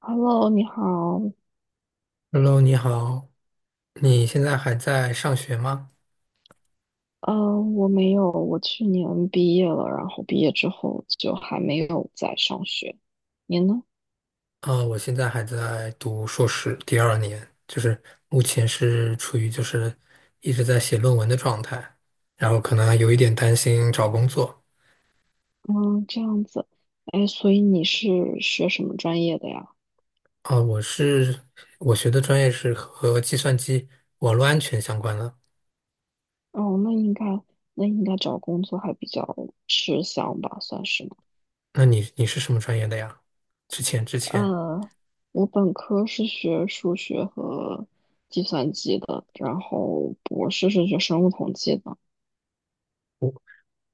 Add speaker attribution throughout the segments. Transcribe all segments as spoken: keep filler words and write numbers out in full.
Speaker 1: Hello，你好。
Speaker 2: Hello，你好，你现在还在上学吗？
Speaker 1: 嗯，我没有，我去年毕业了，然后毕业之后就还没有在上学。你呢？
Speaker 2: 呃，我现在还在读硕士第二年，就是目前是处于就是一直在写论文的状态，然后可能还有一点担心找工作。
Speaker 1: 嗯，这样子。哎，所以你是学什么专业的呀？
Speaker 2: 啊、我是我学的专业是和计算机网络安全相关的。
Speaker 1: 哦，那应该，那应该找工作还比较吃香吧，算是吗？
Speaker 2: 那你你是什么专业的呀？之前之前，
Speaker 1: 呃，我本科是学数学和计算机的，然后博士是学生物统计的。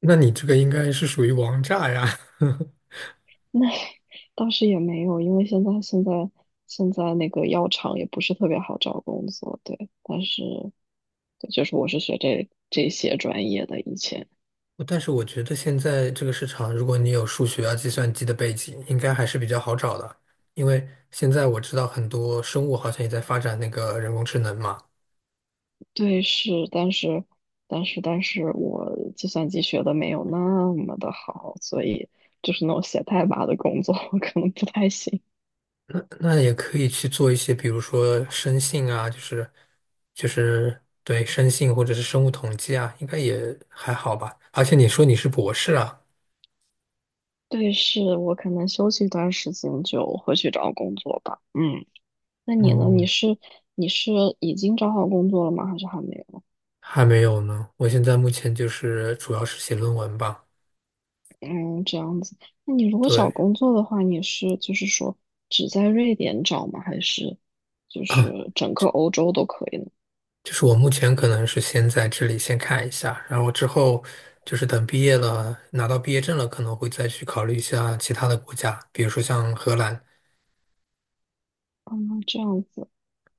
Speaker 2: 那你这个应该是属于王炸呀。
Speaker 1: 那 倒是也没有，因为现在现在现在那个药厂也不是特别好找工作，对。但是对就是我是学这这些专业的，以前
Speaker 2: 但是我觉得现在这个市场，如果你有数学啊、计算机的背景，应该还是比较好找的。因为现在我知道很多生物好像也在发展那个人工智能嘛，
Speaker 1: 对是，但是但是但是我计算机学的没有那么的好，所以就是那种写代码的工作 我可能不太行。
Speaker 2: 那那也可以去做一些，比如说生信啊，就是就是对生信或者是生物统计啊，应该也还好吧。而且你说你是博士啊。
Speaker 1: 对，是我可能休息一段时间就会去找工作吧。嗯，那你呢？你
Speaker 2: 嗯，
Speaker 1: 是你是已经找好工作了吗？还是还没有？
Speaker 2: 还没有呢。我现在目前就是主要是写论文吧，
Speaker 1: 嗯，这样子。那你如果找
Speaker 2: 对。
Speaker 1: 工作的话，你是就是说只在瑞典找吗？还是就 是整个欧洲都可以呢？
Speaker 2: 就是我目前可能是先在这里先看一下，然后之后就是等毕业了，拿到毕业证了，可能会再去考虑一下其他的国家，比如说像荷兰。
Speaker 1: 嗯，这样子。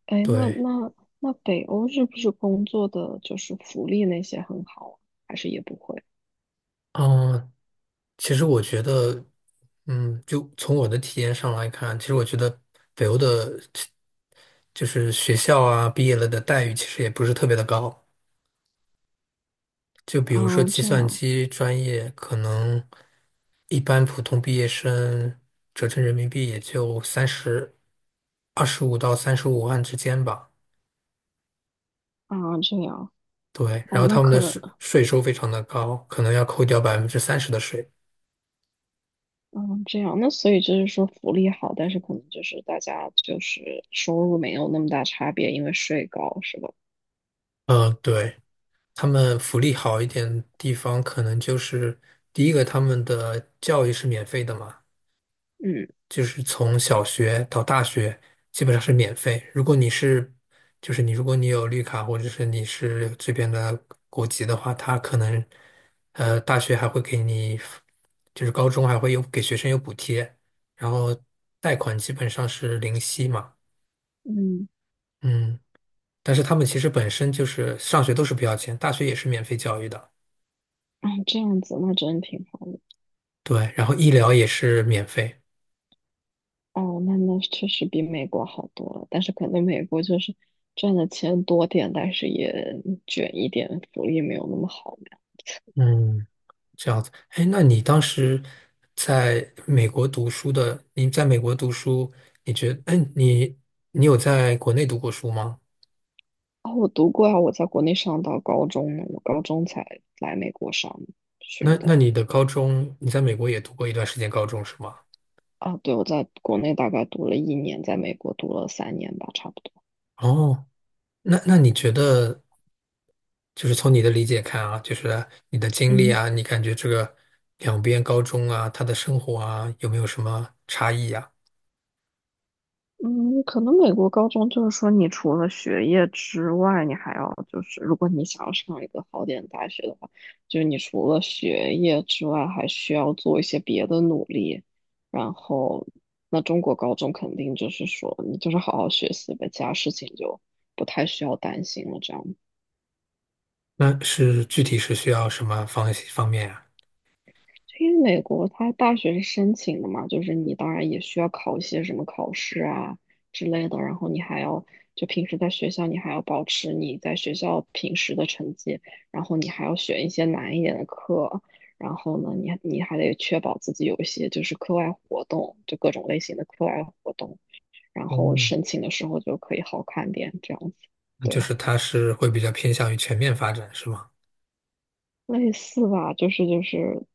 Speaker 1: 哎，那
Speaker 2: 对，
Speaker 1: 那那北欧是不是工作的就是福利那些很好啊？还是也不会？
Speaker 2: 嗯，其实我觉得，嗯，就从我的体验上来看，其实我觉得北欧的，就是学校啊，毕业了的待遇其实也不是特别的高。就比如说
Speaker 1: 哦，
Speaker 2: 计
Speaker 1: 这
Speaker 2: 算
Speaker 1: 样
Speaker 2: 机专业，可能一般普通毕业生折成人民币也就三十、二十五到三十五万之间吧。
Speaker 1: 啊，这样
Speaker 2: 对，然
Speaker 1: 哦，
Speaker 2: 后
Speaker 1: 那
Speaker 2: 他们
Speaker 1: 可
Speaker 2: 的
Speaker 1: 能
Speaker 2: 税税收非常的高，可能要扣掉百分之三十的税。
Speaker 1: 嗯，这样那所以就是说福利好，但是可能就是大家就是收入没有那么大差别，因为税高是吧？
Speaker 2: 嗯，对，他们福利好一点地方，可能就是第一个，他们的教育是免费的嘛。
Speaker 1: 嗯
Speaker 2: 就是从小学到大学基本上是免费。如果你是，就是你如果你有绿卡或者是你是这边的国籍的话，他可能呃大学还会给你，就是高中还会有给学生有补贴，然后贷款基本上是零息嘛，
Speaker 1: 嗯，
Speaker 2: 嗯。但是他们其实本身就是上学都是不要钱，大学也是免费教育的，
Speaker 1: 啊，这样子那真挺好的。
Speaker 2: 对，然后医疗也是免费，
Speaker 1: 哦，那那确实比美国好多了，但是可能美国就是赚的钱多点，但是也卷一点，福利没有那么好嘛。
Speaker 2: 嗯。这样子，哎，那你当时在美国读书的，你在美国读书，你觉得，哎，你你有在国内读过书吗？
Speaker 1: 啊、我读过啊，我在国内上到高中呢，我高中才来美国上
Speaker 2: 那
Speaker 1: 学
Speaker 2: 那
Speaker 1: 的。
Speaker 2: 你的高中，你在美国也读过一段时间高中是吗？
Speaker 1: 啊，对，我在国内大概读了一年，在美国读了三年吧，差不多。
Speaker 2: 哦，那那你觉得，就是从你的理解看啊，就是你的经历
Speaker 1: 嗯。
Speaker 2: 啊，你感觉这个两边高中啊，他的生活啊，有没有什么差异呀？
Speaker 1: 嗯，可能美国高中就是说，你除了学业之外，你还要就是，如果你想要上一个好点的大学的话，就是你除了学业之外，还需要做一些别的努力。然后，那中国高中肯定就是说，你就是好好学习呗，其他事情就不太需要担心了，这样
Speaker 2: 那是具体是需要什么方方面啊？
Speaker 1: 因为美国它大学是申请的嘛，就是你当然也需要考一些什么考试啊之类的，然后你还要就平时在学校你还要保持你在学校平时的成绩，然后你还要选一些难一点的课，然后呢你你还得确保自己有一些就是课外活动，就各种类型的课外活动，然后
Speaker 2: 哦，
Speaker 1: 申请的时候就可以好看点这样子，
Speaker 2: 那就
Speaker 1: 对。
Speaker 2: 是他是会比较偏向于全面发展是吗？
Speaker 1: 类似吧，就是就是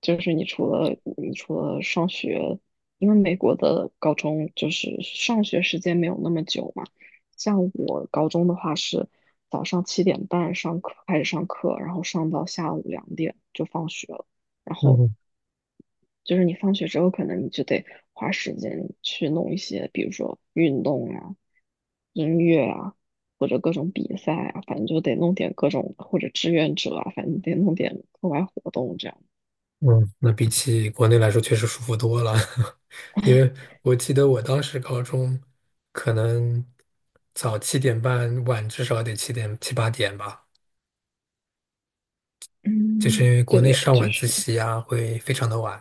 Speaker 1: 就是你除了你除了上学，因为美国的高中就是上学时间没有那么久嘛。像我高中的话是早上七点半上课开始上课，然后上到下午两点就放学了。然后
Speaker 2: 嗯
Speaker 1: 就是你放学之后，可能你就得花时间去弄一些，比如说运动啊、音乐啊，或者各种比赛啊，反正就得弄点各种或者志愿者啊，反正得弄点课外活动这样。
Speaker 2: 嗯，那比起国内来说，确实舒服多了。因为我记得我当时高中，可能早七点半，晚至少得七点七八点吧，就是因
Speaker 1: 嗯，
Speaker 2: 为国内
Speaker 1: 对，
Speaker 2: 上
Speaker 1: 就
Speaker 2: 晚自
Speaker 1: 是
Speaker 2: 习啊，会非常的晚。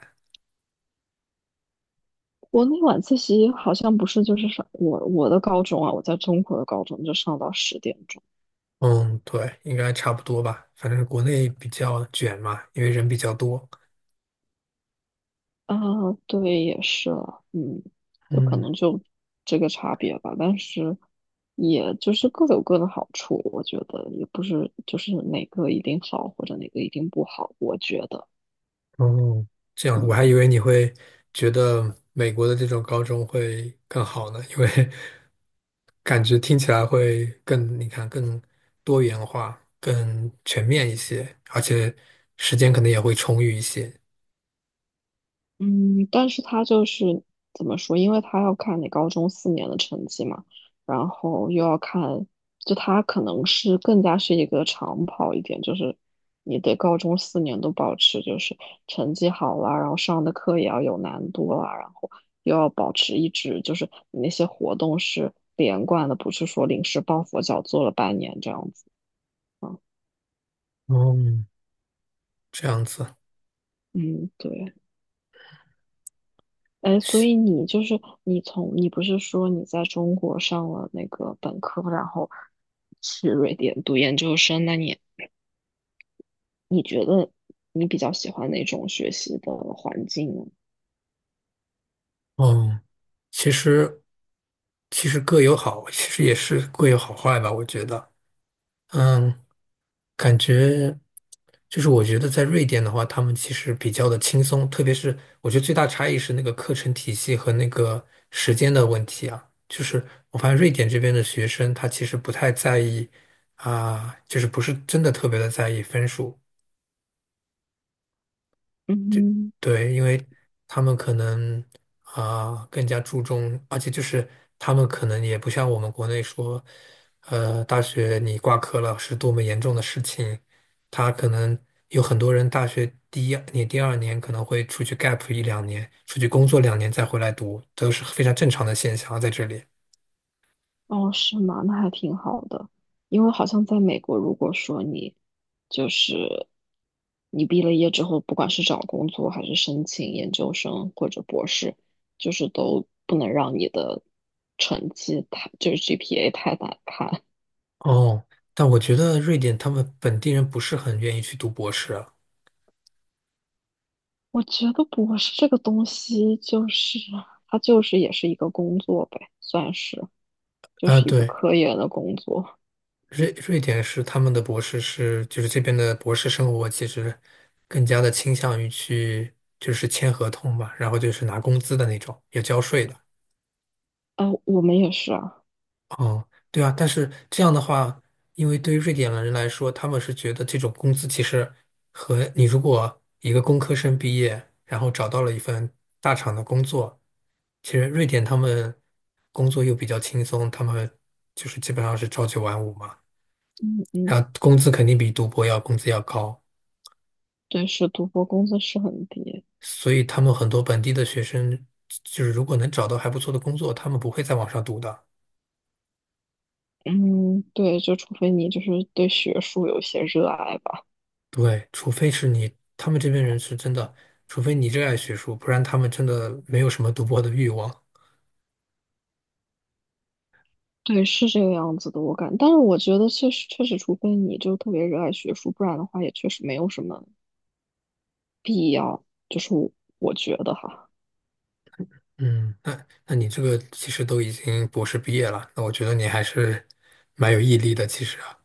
Speaker 1: 国内晚自习好像不是，就是上我我的高中啊，我在中国的高中就上到十点钟
Speaker 2: 嗯，对，应该差不多吧。反正国内比较卷嘛，因为人比较多。
Speaker 1: 啊，对，也是了嗯，就可
Speaker 2: 嗯，
Speaker 1: 能就这个差别吧，但是也就是各有各的好处，我觉得也不是就是哪个一定好或者哪个一定不好，我觉得，
Speaker 2: 哦，这样，我还以
Speaker 1: 嗯。
Speaker 2: 为你会觉得美国的这种高中会更好呢，因为 感觉听起来会更，你看更多元化、更全面一些，而且时间可能也会充裕一些。
Speaker 1: 嗯，但是他就是怎么说？因为他要看你高中四年的成绩嘛，然后又要看，就他可能是更加是一个长跑一点，就是你得高中四年都保持就是成绩好啦，然后上的课也要有难度啦，然后又要保持一直就是你那些活动是连贯的，不是说临时抱佛脚做了半年这样子啊。
Speaker 2: 哦，这样子，
Speaker 1: 嗯，对。哎，所以你就是你从你不是说你在中国上了那个本科，然后去瑞典读研究生，那你你觉得你比较喜欢哪种学习的环境呢？
Speaker 2: 哦，其实其实各有好，其实也是各有好坏吧，我觉得。嗯，感觉就是我觉得在瑞典的话，他们其实比较的轻松，特别是我觉得最大差异是那个课程体系和那个时间的问题啊。就是我发现瑞典这边的学生，他其实不太在意啊，就是不是真的特别的在意分数，
Speaker 1: 嗯，
Speaker 2: 对，因为他们可能啊、更加注重，而且就是他们可能也不像我们国内说，呃，大学你挂科了是多么严重的事情，他可能有很多人大学第一年、第二年可能会出去 gap 一两年，出去工作两年再回来读，都是非常正常的现象啊在这里。
Speaker 1: 哦，是吗？那还挺好的，因为好像在美国，如果说你就是你毕了业之后，不管是找工作还是申请研究生或者博士，就是都不能让你的成绩太，就是 G P A 太难看。
Speaker 2: 哦，但我觉得瑞典他们本地人不是很愿意去读博士啊。
Speaker 1: 我觉得博士这个东西，就是它就是也是一个工作呗，算是就
Speaker 2: 啊，
Speaker 1: 是一个
Speaker 2: 对，
Speaker 1: 科研的工作。
Speaker 2: 瑞瑞典是他们的博士是，就是这边的博士生活其实更加的倾向于去就是签合同吧，然后就是拿工资的那种，也交税的。
Speaker 1: 啊、我们也是啊，
Speaker 2: 哦，对啊，但是这样的话，因为对于瑞典人来说，他们是觉得这种工资其实和你如果一个工科生毕业，然后找到了一份大厂的工作，其实瑞典他们工作又比较轻松，他们就是基本上是朝九晚五嘛，
Speaker 1: 嗯
Speaker 2: 然
Speaker 1: 嗯，
Speaker 2: 后工资肯定比读博要工资要高。
Speaker 1: 对，是读博工资是很低，
Speaker 2: 所以他们很多本地的学生，就是如果能找到还不错的工作，他们不会再往上读的。
Speaker 1: 嗯，对，就除非你就是对学术有些热爱吧，
Speaker 2: 对，除非是你，他们这边人是真的，除非你热爱学术，不然他们真的没有什么读博的欲望。
Speaker 1: 对，是这个样子的，我感，但是我觉得确实确实，除非你就特别热爱学术，不然的话也确实没有什么，就是我我觉得哈。
Speaker 2: 嗯，那那你这个其实都已经博士毕业了，那我觉得你还是蛮有毅力的，其实啊。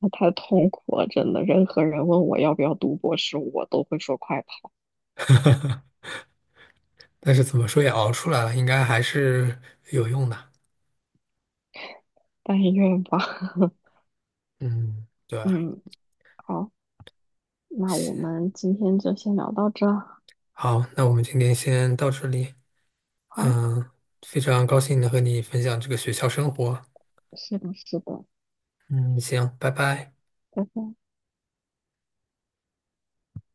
Speaker 1: 那太痛苦了，真的。任何人问我要不要读博士，我都会说快跑。
Speaker 2: 但是怎么说也熬出来了，应该还是有用的。
Speaker 1: 但愿吧。
Speaker 2: 嗯，对，
Speaker 1: 嗯，好，那我
Speaker 2: 行，
Speaker 1: 们今天就先聊到这儿
Speaker 2: 好，那我们今天先到这里。
Speaker 1: 好，
Speaker 2: 嗯，非常高兴能和你分享这个学校生活。
Speaker 1: 是的，是的，
Speaker 2: 嗯，行，拜拜。
Speaker 1: 拜拜。